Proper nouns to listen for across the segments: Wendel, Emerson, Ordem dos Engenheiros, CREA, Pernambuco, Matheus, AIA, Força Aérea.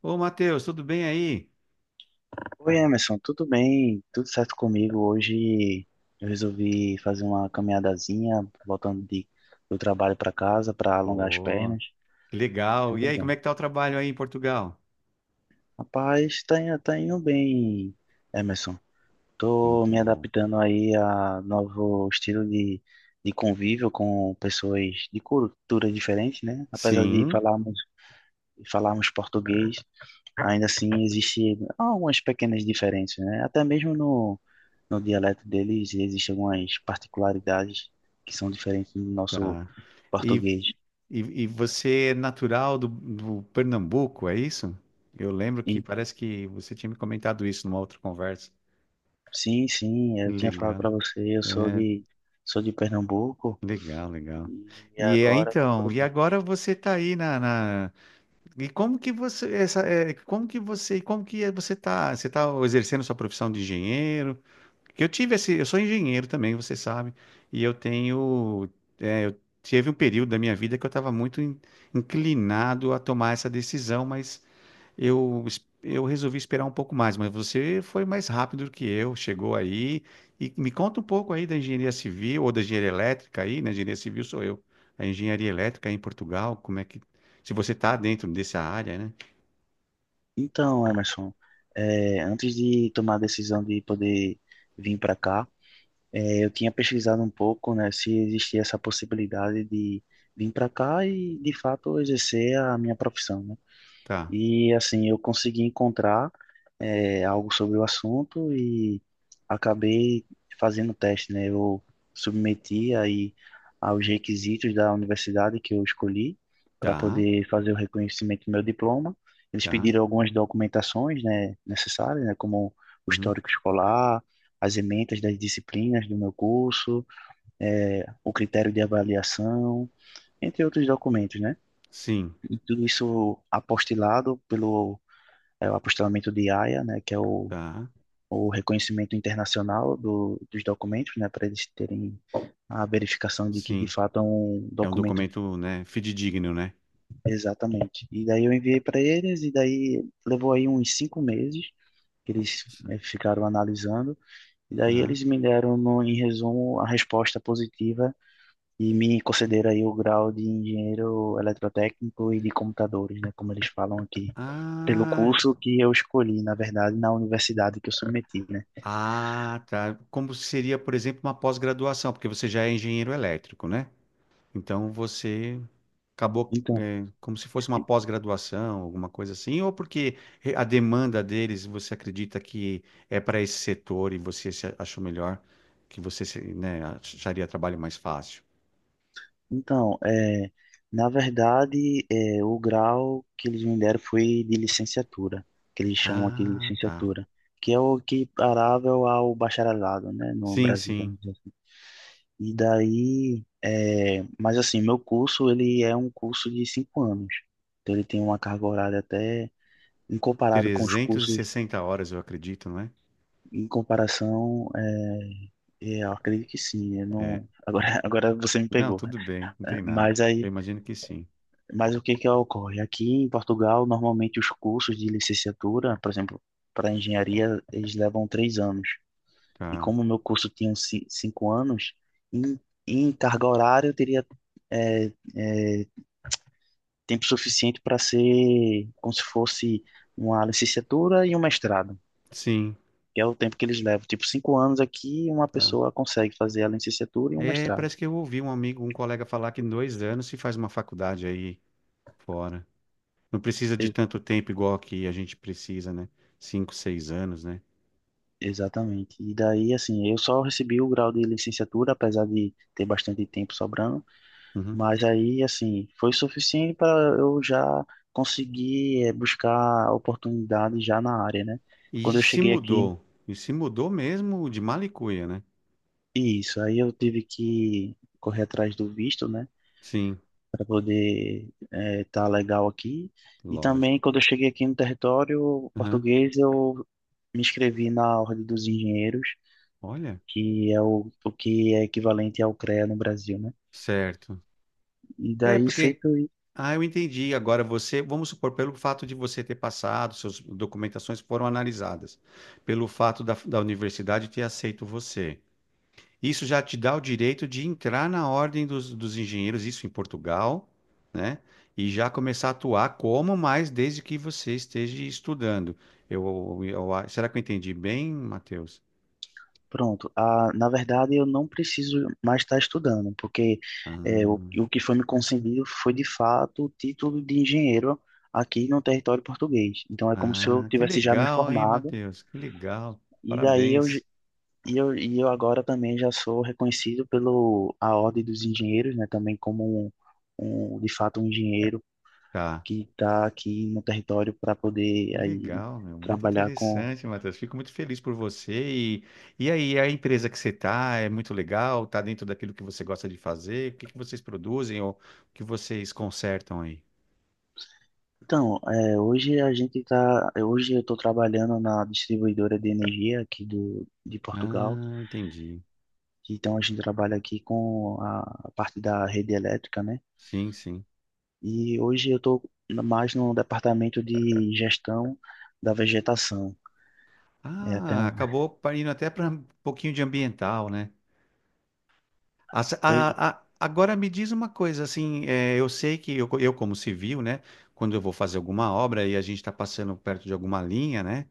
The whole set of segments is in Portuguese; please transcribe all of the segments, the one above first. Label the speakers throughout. Speaker 1: Ô, Matheus, tudo bem aí?
Speaker 2: Oi, Emerson, tudo bem? Tudo certo comigo? Hoje eu resolvi fazer uma caminhadazinha, voltando do trabalho para casa para alongar as
Speaker 1: Pô,
Speaker 2: pernas.
Speaker 1: que legal. E
Speaker 2: Sempre
Speaker 1: aí, como
Speaker 2: bom.
Speaker 1: é que tá o trabalho aí em Portugal?
Speaker 2: Rapaz, tá indo bem, Emerson. Tô
Speaker 1: Muito
Speaker 2: me
Speaker 1: bom.
Speaker 2: adaptando aí a novo estilo de convívio com pessoas de cultura diferente, né? Apesar de
Speaker 1: Sim,
Speaker 2: falarmos português, ainda assim, existe algumas pequenas diferenças, né? Até mesmo no dialeto deles existem algumas particularidades que são diferentes do nosso
Speaker 1: tá. E,
Speaker 2: português.
Speaker 1: e você é natural do Pernambuco, é isso? Eu lembro que
Speaker 2: E,
Speaker 1: parece que você tinha me comentado isso numa outra conversa.
Speaker 2: sim, sim, eu tinha falado
Speaker 1: Legal.
Speaker 2: para você, eu sou
Speaker 1: É,
Speaker 2: de, sou de Pernambuco
Speaker 1: legal, legal.
Speaker 2: e
Speaker 1: E é,
Speaker 2: agora tô por
Speaker 1: então, e
Speaker 2: aqui.
Speaker 1: agora você está aí como que é, você está exercendo sua profissão de engenheiro? Que eu tive esse, eu sou engenheiro também, você sabe, e eu tenho, eu tive um período da minha vida que eu estava muito inclinado a tomar essa decisão, mas eu resolvi esperar um pouco mais. Mas você foi mais rápido do que eu, chegou aí, e me conta um pouco aí da engenharia civil ou da engenharia elétrica aí, né? Engenharia civil sou eu, a engenharia elétrica aí em Portugal, se você está dentro dessa área, né?
Speaker 2: Então, Emerson, antes de tomar a decisão de poder vir para cá, eu tinha pesquisado um pouco, né, se existia essa possibilidade de vir para cá e, de fato, exercer a minha profissão, né?
Speaker 1: Tá,
Speaker 2: E assim, eu consegui encontrar algo sobre o assunto e acabei fazendo teste, né? Eu submeti aí aos requisitos da universidade que eu escolhi para
Speaker 1: tá,
Speaker 2: poder fazer o reconhecimento do meu diploma. Eles
Speaker 1: tá,
Speaker 2: pediram algumas documentações, né, necessárias, né, como o
Speaker 1: uhum,
Speaker 2: histórico escolar, as ementas das disciplinas do meu curso, o critério de avaliação, entre outros documentos, né?
Speaker 1: sim,
Speaker 2: E tudo isso apostilado pelo é o apostilamento de AIA, né, que é o,
Speaker 1: tá,
Speaker 2: o reconhecimento internacional do, dos documentos, né, para eles terem a verificação de que de
Speaker 1: sim.
Speaker 2: fato é um
Speaker 1: É um
Speaker 2: documento.
Speaker 1: documento, né, fidedigno, né?
Speaker 2: Exatamente. E daí eu enviei para eles e daí levou aí uns 5 meses que eles,
Speaker 1: Isso.
Speaker 2: né, ficaram analisando e daí
Speaker 1: Aham.
Speaker 2: eles me deram no, em resumo a resposta positiva e me concederam aí o grau de engenheiro eletrotécnico e de computadores, né, como eles falam aqui, pelo
Speaker 1: Ah,
Speaker 2: curso que eu escolhi, na verdade, na universidade que eu submeti, né?
Speaker 1: ah, tá. Como seria, por exemplo, uma pós-graduação, porque você já é engenheiro elétrico, né? Então você acabou,
Speaker 2: Então,
Speaker 1: é, como se fosse uma pós-graduação, alguma coisa assim, ou porque a demanda deles, você acredita que é para esse setor e você se achou melhor, que você, se- né, acharia trabalho mais fácil.
Speaker 2: Então, na verdade, o grau que eles me deram foi de licenciatura, que eles chamam aqui de
Speaker 1: Ah, tá.
Speaker 2: licenciatura, que é o equiparável ao bacharelado, né, no
Speaker 1: Sim,
Speaker 2: Brasil,
Speaker 1: sim.
Speaker 2: vamos dizer assim. E daí, mas assim, meu curso, ele é um curso de 5 anos, então ele tem uma carga horária até, em comparado com os
Speaker 1: trezentas e
Speaker 2: cursos,
Speaker 1: sessenta horas, eu acredito, não é?
Speaker 2: em comparação, eu acredito que sim, eu
Speaker 1: É.
Speaker 2: não, agora, agora você me
Speaker 1: Não,
Speaker 2: pegou.
Speaker 1: tudo bem, não tem nada.
Speaker 2: Mas
Speaker 1: Eu
Speaker 2: aí
Speaker 1: imagino que sim.
Speaker 2: Mas o que que ocorre? Aqui em Portugal, normalmente os cursos de licenciatura, por exemplo, para engenharia, eles levam 3 anos. E
Speaker 1: Tá.
Speaker 2: como o meu curso tinha 5 anos, em, em carga horária eu teria é, é, tempo suficiente para ser como se fosse uma licenciatura e um mestrado,
Speaker 1: Sim,
Speaker 2: que é o tempo que eles levam. Tipo, 5 anos aqui, uma
Speaker 1: tá.
Speaker 2: pessoa consegue fazer a licenciatura e um
Speaker 1: É,
Speaker 2: mestrado.
Speaker 1: parece que eu ouvi um amigo, um colega falar que em 2 anos se faz uma faculdade aí fora. Não precisa de tanto tempo igual aqui a gente precisa, né? 5, 6 anos, né?
Speaker 2: Exatamente. E daí, assim, eu só recebi o grau de licenciatura, apesar de ter bastante tempo sobrando,
Speaker 1: Uhum.
Speaker 2: mas aí, assim, foi suficiente para eu já conseguir buscar oportunidade já na área, né?
Speaker 1: E
Speaker 2: Quando eu
Speaker 1: se
Speaker 2: cheguei aqui,
Speaker 1: mudou. E se mudou mesmo de mala e cuia, né?
Speaker 2: isso, aí eu tive que correr atrás do visto, né,
Speaker 1: Sim,
Speaker 2: para poder estar tá legal aqui. E
Speaker 1: lógico.
Speaker 2: também, quando eu cheguei aqui no território
Speaker 1: Aham.
Speaker 2: português, eu me inscrevi na Ordem dos Engenheiros,
Speaker 1: Olha,
Speaker 2: que é o que é equivalente ao CREA no Brasil, né?
Speaker 1: certo.
Speaker 2: E
Speaker 1: É,
Speaker 2: daí
Speaker 1: porque,
Speaker 2: feito e
Speaker 1: ah, eu entendi. Agora você, vamos supor, pelo fato de você ter passado, suas documentações foram analisadas, pelo fato da universidade ter aceito você. Isso já te dá o direito de entrar na ordem dos engenheiros, isso em Portugal, né? E já começar a atuar como mais desde que você esteja estudando. Eu, eu- será que eu entendi bem, Matheus?
Speaker 2: pronto. Ah, na verdade, eu não preciso mais estar estudando, porque é, o,
Speaker 1: Ah,
Speaker 2: o que foi me concedido foi de fato o título de engenheiro aqui no território português. Então é como se eu
Speaker 1: ah, que
Speaker 2: tivesse já me
Speaker 1: legal, hein,
Speaker 2: formado.
Speaker 1: Matheus? Que legal.
Speaker 2: e daí eu j-
Speaker 1: Parabéns.
Speaker 2: e eu, agora também já sou reconhecido pelo a Ordem dos Engenheiros, né, também como de fato um engenheiro
Speaker 1: Tá.
Speaker 2: que está aqui no território para
Speaker 1: Que
Speaker 2: poder aí
Speaker 1: legal, meu. Muito
Speaker 2: trabalhar com.
Speaker 1: interessante, Matheus. Fico muito feliz por você. E aí, a empresa que você está é muito legal? Está dentro daquilo que você gosta de fazer? O que que vocês produzem ou o que vocês consertam aí?
Speaker 2: Então, hoje hoje eu estou trabalhando na distribuidora de energia aqui do, de Portugal.
Speaker 1: Ah, entendi.
Speaker 2: Então a gente trabalha aqui com a parte da rede elétrica, né?
Speaker 1: Sim, sim.
Speaker 2: E hoje eu estou mais no departamento de gestão da vegetação. É até
Speaker 1: Ah,
Speaker 2: um.
Speaker 1: acabou indo até para um pouquinho de ambiental, né?
Speaker 2: Pois-
Speaker 1: Agora me diz uma coisa, assim, eu sei que eu como civil, né? Quando eu vou fazer alguma obra e a gente está passando perto de alguma linha, né?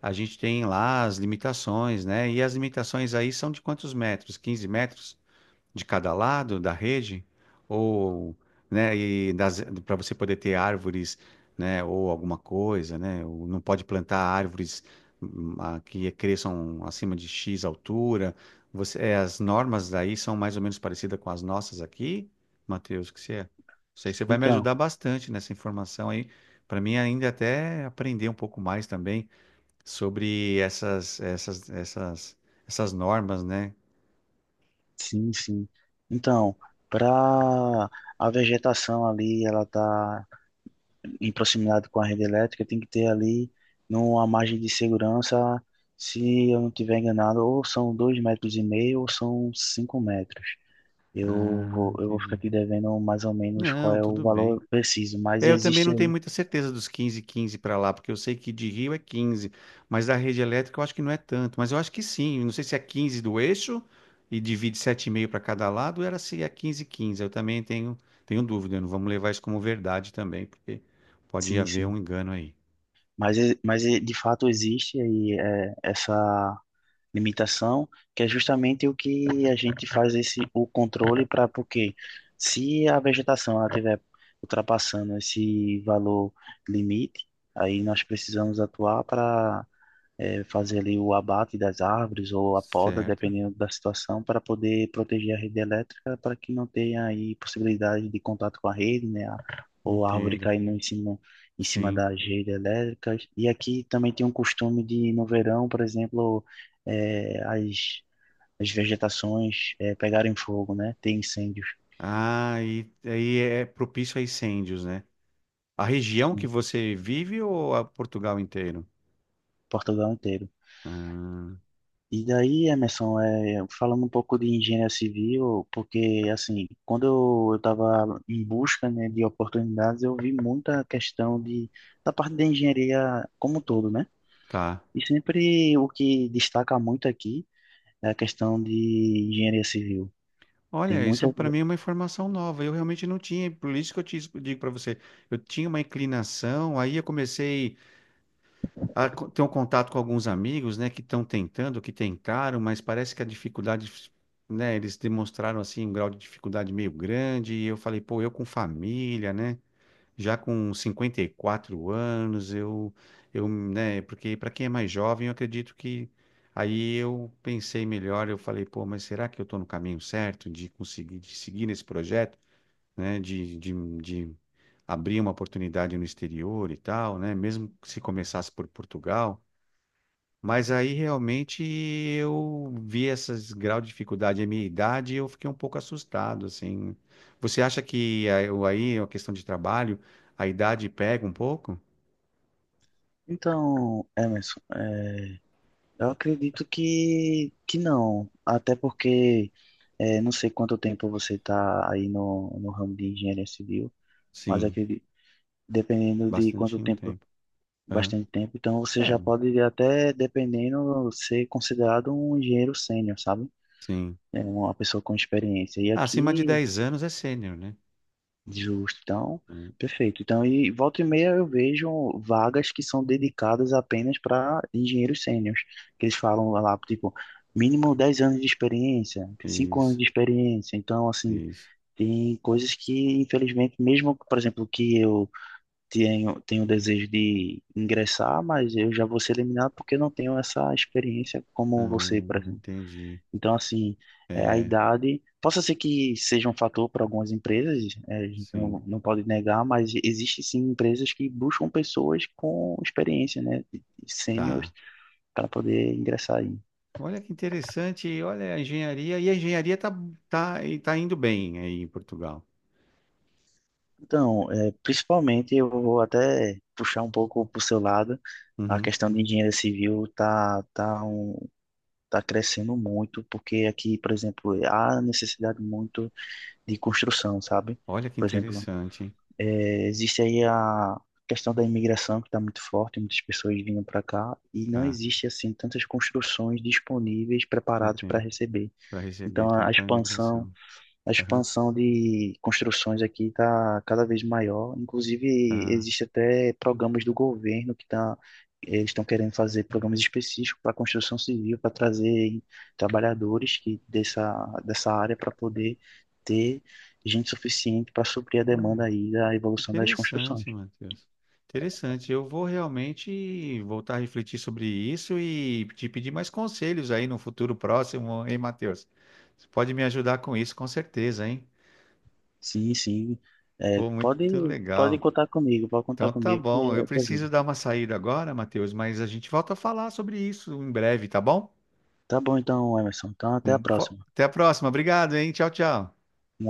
Speaker 1: A gente tem lá as limitações, né? E as limitações aí são de quantos metros? 15 metros de cada lado da rede? Ou, né? E para você poder ter árvores, né? Ou alguma coisa, né? Ou não pode plantar árvores que cresçam acima de X altura. As normas daí são mais ou menos parecidas com as nossas aqui, Matheus, que você é? Isso aí você vai me
Speaker 2: Então,
Speaker 1: ajudar bastante nessa informação aí. Para mim, ainda até aprender um pouco mais também sobre essas normas, né?
Speaker 2: sim, sim. Então, para a vegetação ali, ela tá em proximidade com a rede elétrica, tem que ter ali numa margem de segurança, se eu não tiver enganado, ou são 2,5 metros ou são 5 metros.
Speaker 1: Ah,
Speaker 2: Eu vou ficar
Speaker 1: entendi.
Speaker 2: aqui devendo mais ou menos qual
Speaker 1: Não,
Speaker 2: é o
Speaker 1: tudo bem.
Speaker 2: valor preciso, mas
Speaker 1: É, eu também
Speaker 2: existe
Speaker 1: não tenho
Speaker 2: aí.
Speaker 1: muita certeza dos 15 15 para lá, porque eu sei que de Rio é 15, mas da rede elétrica eu acho que não é tanto, mas eu acho que sim. Eu não sei se é 15 do eixo e divide sete e meio para cada lado, ou era se é 15 15. Eu também tenho dúvida, não vamos levar isso como verdade também, porque pode
Speaker 2: Sim,
Speaker 1: haver
Speaker 2: sim.
Speaker 1: um engano aí.
Speaker 2: Mas, de fato existe aí é, essa limitação, que é justamente o que a gente faz esse o controle para porque se a vegetação ela tiver ultrapassando esse valor limite, aí nós precisamos atuar para fazer ali o abate das árvores ou a poda,
Speaker 1: Certo?
Speaker 2: dependendo da situação, para poder proteger a rede elétrica, para que não tenha aí possibilidade de contato com a rede, né? Ou a árvore
Speaker 1: Entendo.
Speaker 2: caindo em cima
Speaker 1: Sim.
Speaker 2: das redes elétricas. E aqui também tem um costume de, no verão, por exemplo, é, as, as vegetações pegarem fogo, né? Ter incêndios.
Speaker 1: Ah, e aí é propício a incêndios, né? A região que
Speaker 2: Em
Speaker 1: você vive ou a Portugal inteiro?
Speaker 2: Portugal inteiro.
Speaker 1: Ah,
Speaker 2: E daí, Emerson, falando um pouco de engenharia civil, porque assim, quando eu estava em busca, né, de oportunidades, eu vi muita questão de, da parte da engenharia como um todo, né?
Speaker 1: tá.
Speaker 2: E sempre o que destaca muito aqui é a questão de engenharia civil. Tem
Speaker 1: Olha, isso
Speaker 2: muita.
Speaker 1: para mim é uma informação nova. Eu realmente não tinha, por isso que eu te digo para você. Eu tinha uma inclinação, aí eu comecei a ter um contato com alguns amigos, né, que estão tentando, que tentaram, mas parece que a dificuldade, né, eles demonstraram assim um grau de dificuldade meio grande. E eu falei, pô, eu com família, né? Já com 54 anos, eu, né, porque para quem é mais jovem, eu acredito que aí eu pensei melhor, eu falei, pô, mas será que eu estou no caminho certo de conseguir, de seguir nesse projeto, né, de abrir uma oportunidade no exterior e tal, né, mesmo que se começasse por Portugal, mas aí realmente eu vi esses graus de dificuldade à minha idade e eu fiquei um pouco assustado, assim. Você acha que aí é uma questão de trabalho, a idade pega um pouco?
Speaker 2: Então, Emerson, eu acredito que não, até porque não sei quanto tempo você está aí no ramo de engenharia civil. Mas
Speaker 1: Sim,
Speaker 2: acredito, dependendo de
Speaker 1: bastante
Speaker 2: quanto
Speaker 1: um
Speaker 2: tempo,
Speaker 1: tempo. Aham.
Speaker 2: bastante tempo. Então você
Speaker 1: É,
Speaker 2: já pode até, dependendo, ser considerado um engenheiro sênior, sabe?
Speaker 1: sim.
Speaker 2: É uma pessoa com experiência. E
Speaker 1: Ah, acima de
Speaker 2: aqui,
Speaker 1: 10 anos é sênior, né?
Speaker 2: justo, então,
Speaker 1: É,
Speaker 2: perfeito. Então, e volta e meia eu vejo vagas que são dedicadas apenas para engenheiros sêniors, que eles falam lá, tipo, mínimo 10 anos de experiência, 5 anos
Speaker 1: isso,
Speaker 2: de experiência. Então, assim,
Speaker 1: isso.
Speaker 2: tem coisas que, infelizmente, mesmo, por exemplo, que eu tenho o desejo de ingressar, mas eu já vou ser eliminado porque eu não tenho essa experiência como você, por exemplo.
Speaker 1: Entendi.
Speaker 2: Então, assim, a
Speaker 1: É,
Speaker 2: idade, possa ser que seja um fator para algumas empresas, a gente
Speaker 1: sim.
Speaker 2: não, não pode negar, mas existe sim empresas que buscam pessoas com experiência, né, de
Speaker 1: Tá.
Speaker 2: sêniores, para poder ingressar aí.
Speaker 1: Olha que interessante. Olha a engenharia. E a engenharia tá, e tá indo bem aí em Portugal.
Speaker 2: Então, principalmente eu vou até puxar um pouco para o seu lado, a
Speaker 1: Uhum.
Speaker 2: questão de engenharia civil está crescendo muito, porque aqui, por exemplo, há necessidade muito de construção, sabe?
Speaker 1: Olha que
Speaker 2: Por exemplo,
Speaker 1: interessante, hein?
Speaker 2: existe aí a questão da imigração que está muito forte, muitas pessoas vindo para cá e não
Speaker 1: Tá,
Speaker 2: existe assim tantas construções disponíveis preparadas para
Speaker 1: entendo.
Speaker 2: receber.
Speaker 1: Para receber
Speaker 2: Então,
Speaker 1: tanta imigração.
Speaker 2: a
Speaker 1: Aham,
Speaker 2: expansão de construções aqui está cada vez maior. Inclusive,
Speaker 1: tá.
Speaker 2: existe até programas do governo eles estão querendo fazer programas específicos para construção civil, para trazer trabalhadores dessa área para poder ter gente suficiente para suprir a
Speaker 1: Olha,
Speaker 2: demanda aí da evolução das construções.
Speaker 1: interessante, Matheus. Interessante. Eu vou realmente voltar a refletir sobre isso e te pedir mais conselhos aí no futuro próximo, hein, Matheus? Você pode me ajudar com isso, com certeza, hein?
Speaker 2: Sim, sim. É,
Speaker 1: Pô, muito
Speaker 2: pode
Speaker 1: legal.
Speaker 2: contar comigo, pode contar
Speaker 1: Então tá
Speaker 2: comigo que
Speaker 1: bom.
Speaker 2: é
Speaker 1: Eu
Speaker 2: a tua vida.
Speaker 1: preciso dar uma saída agora, Matheus, mas a gente volta a falar sobre isso em breve, tá bom?
Speaker 2: Tá bom então, Emerson. Então, até a próxima.
Speaker 1: Até a próxima. Obrigado, hein? Tchau, tchau.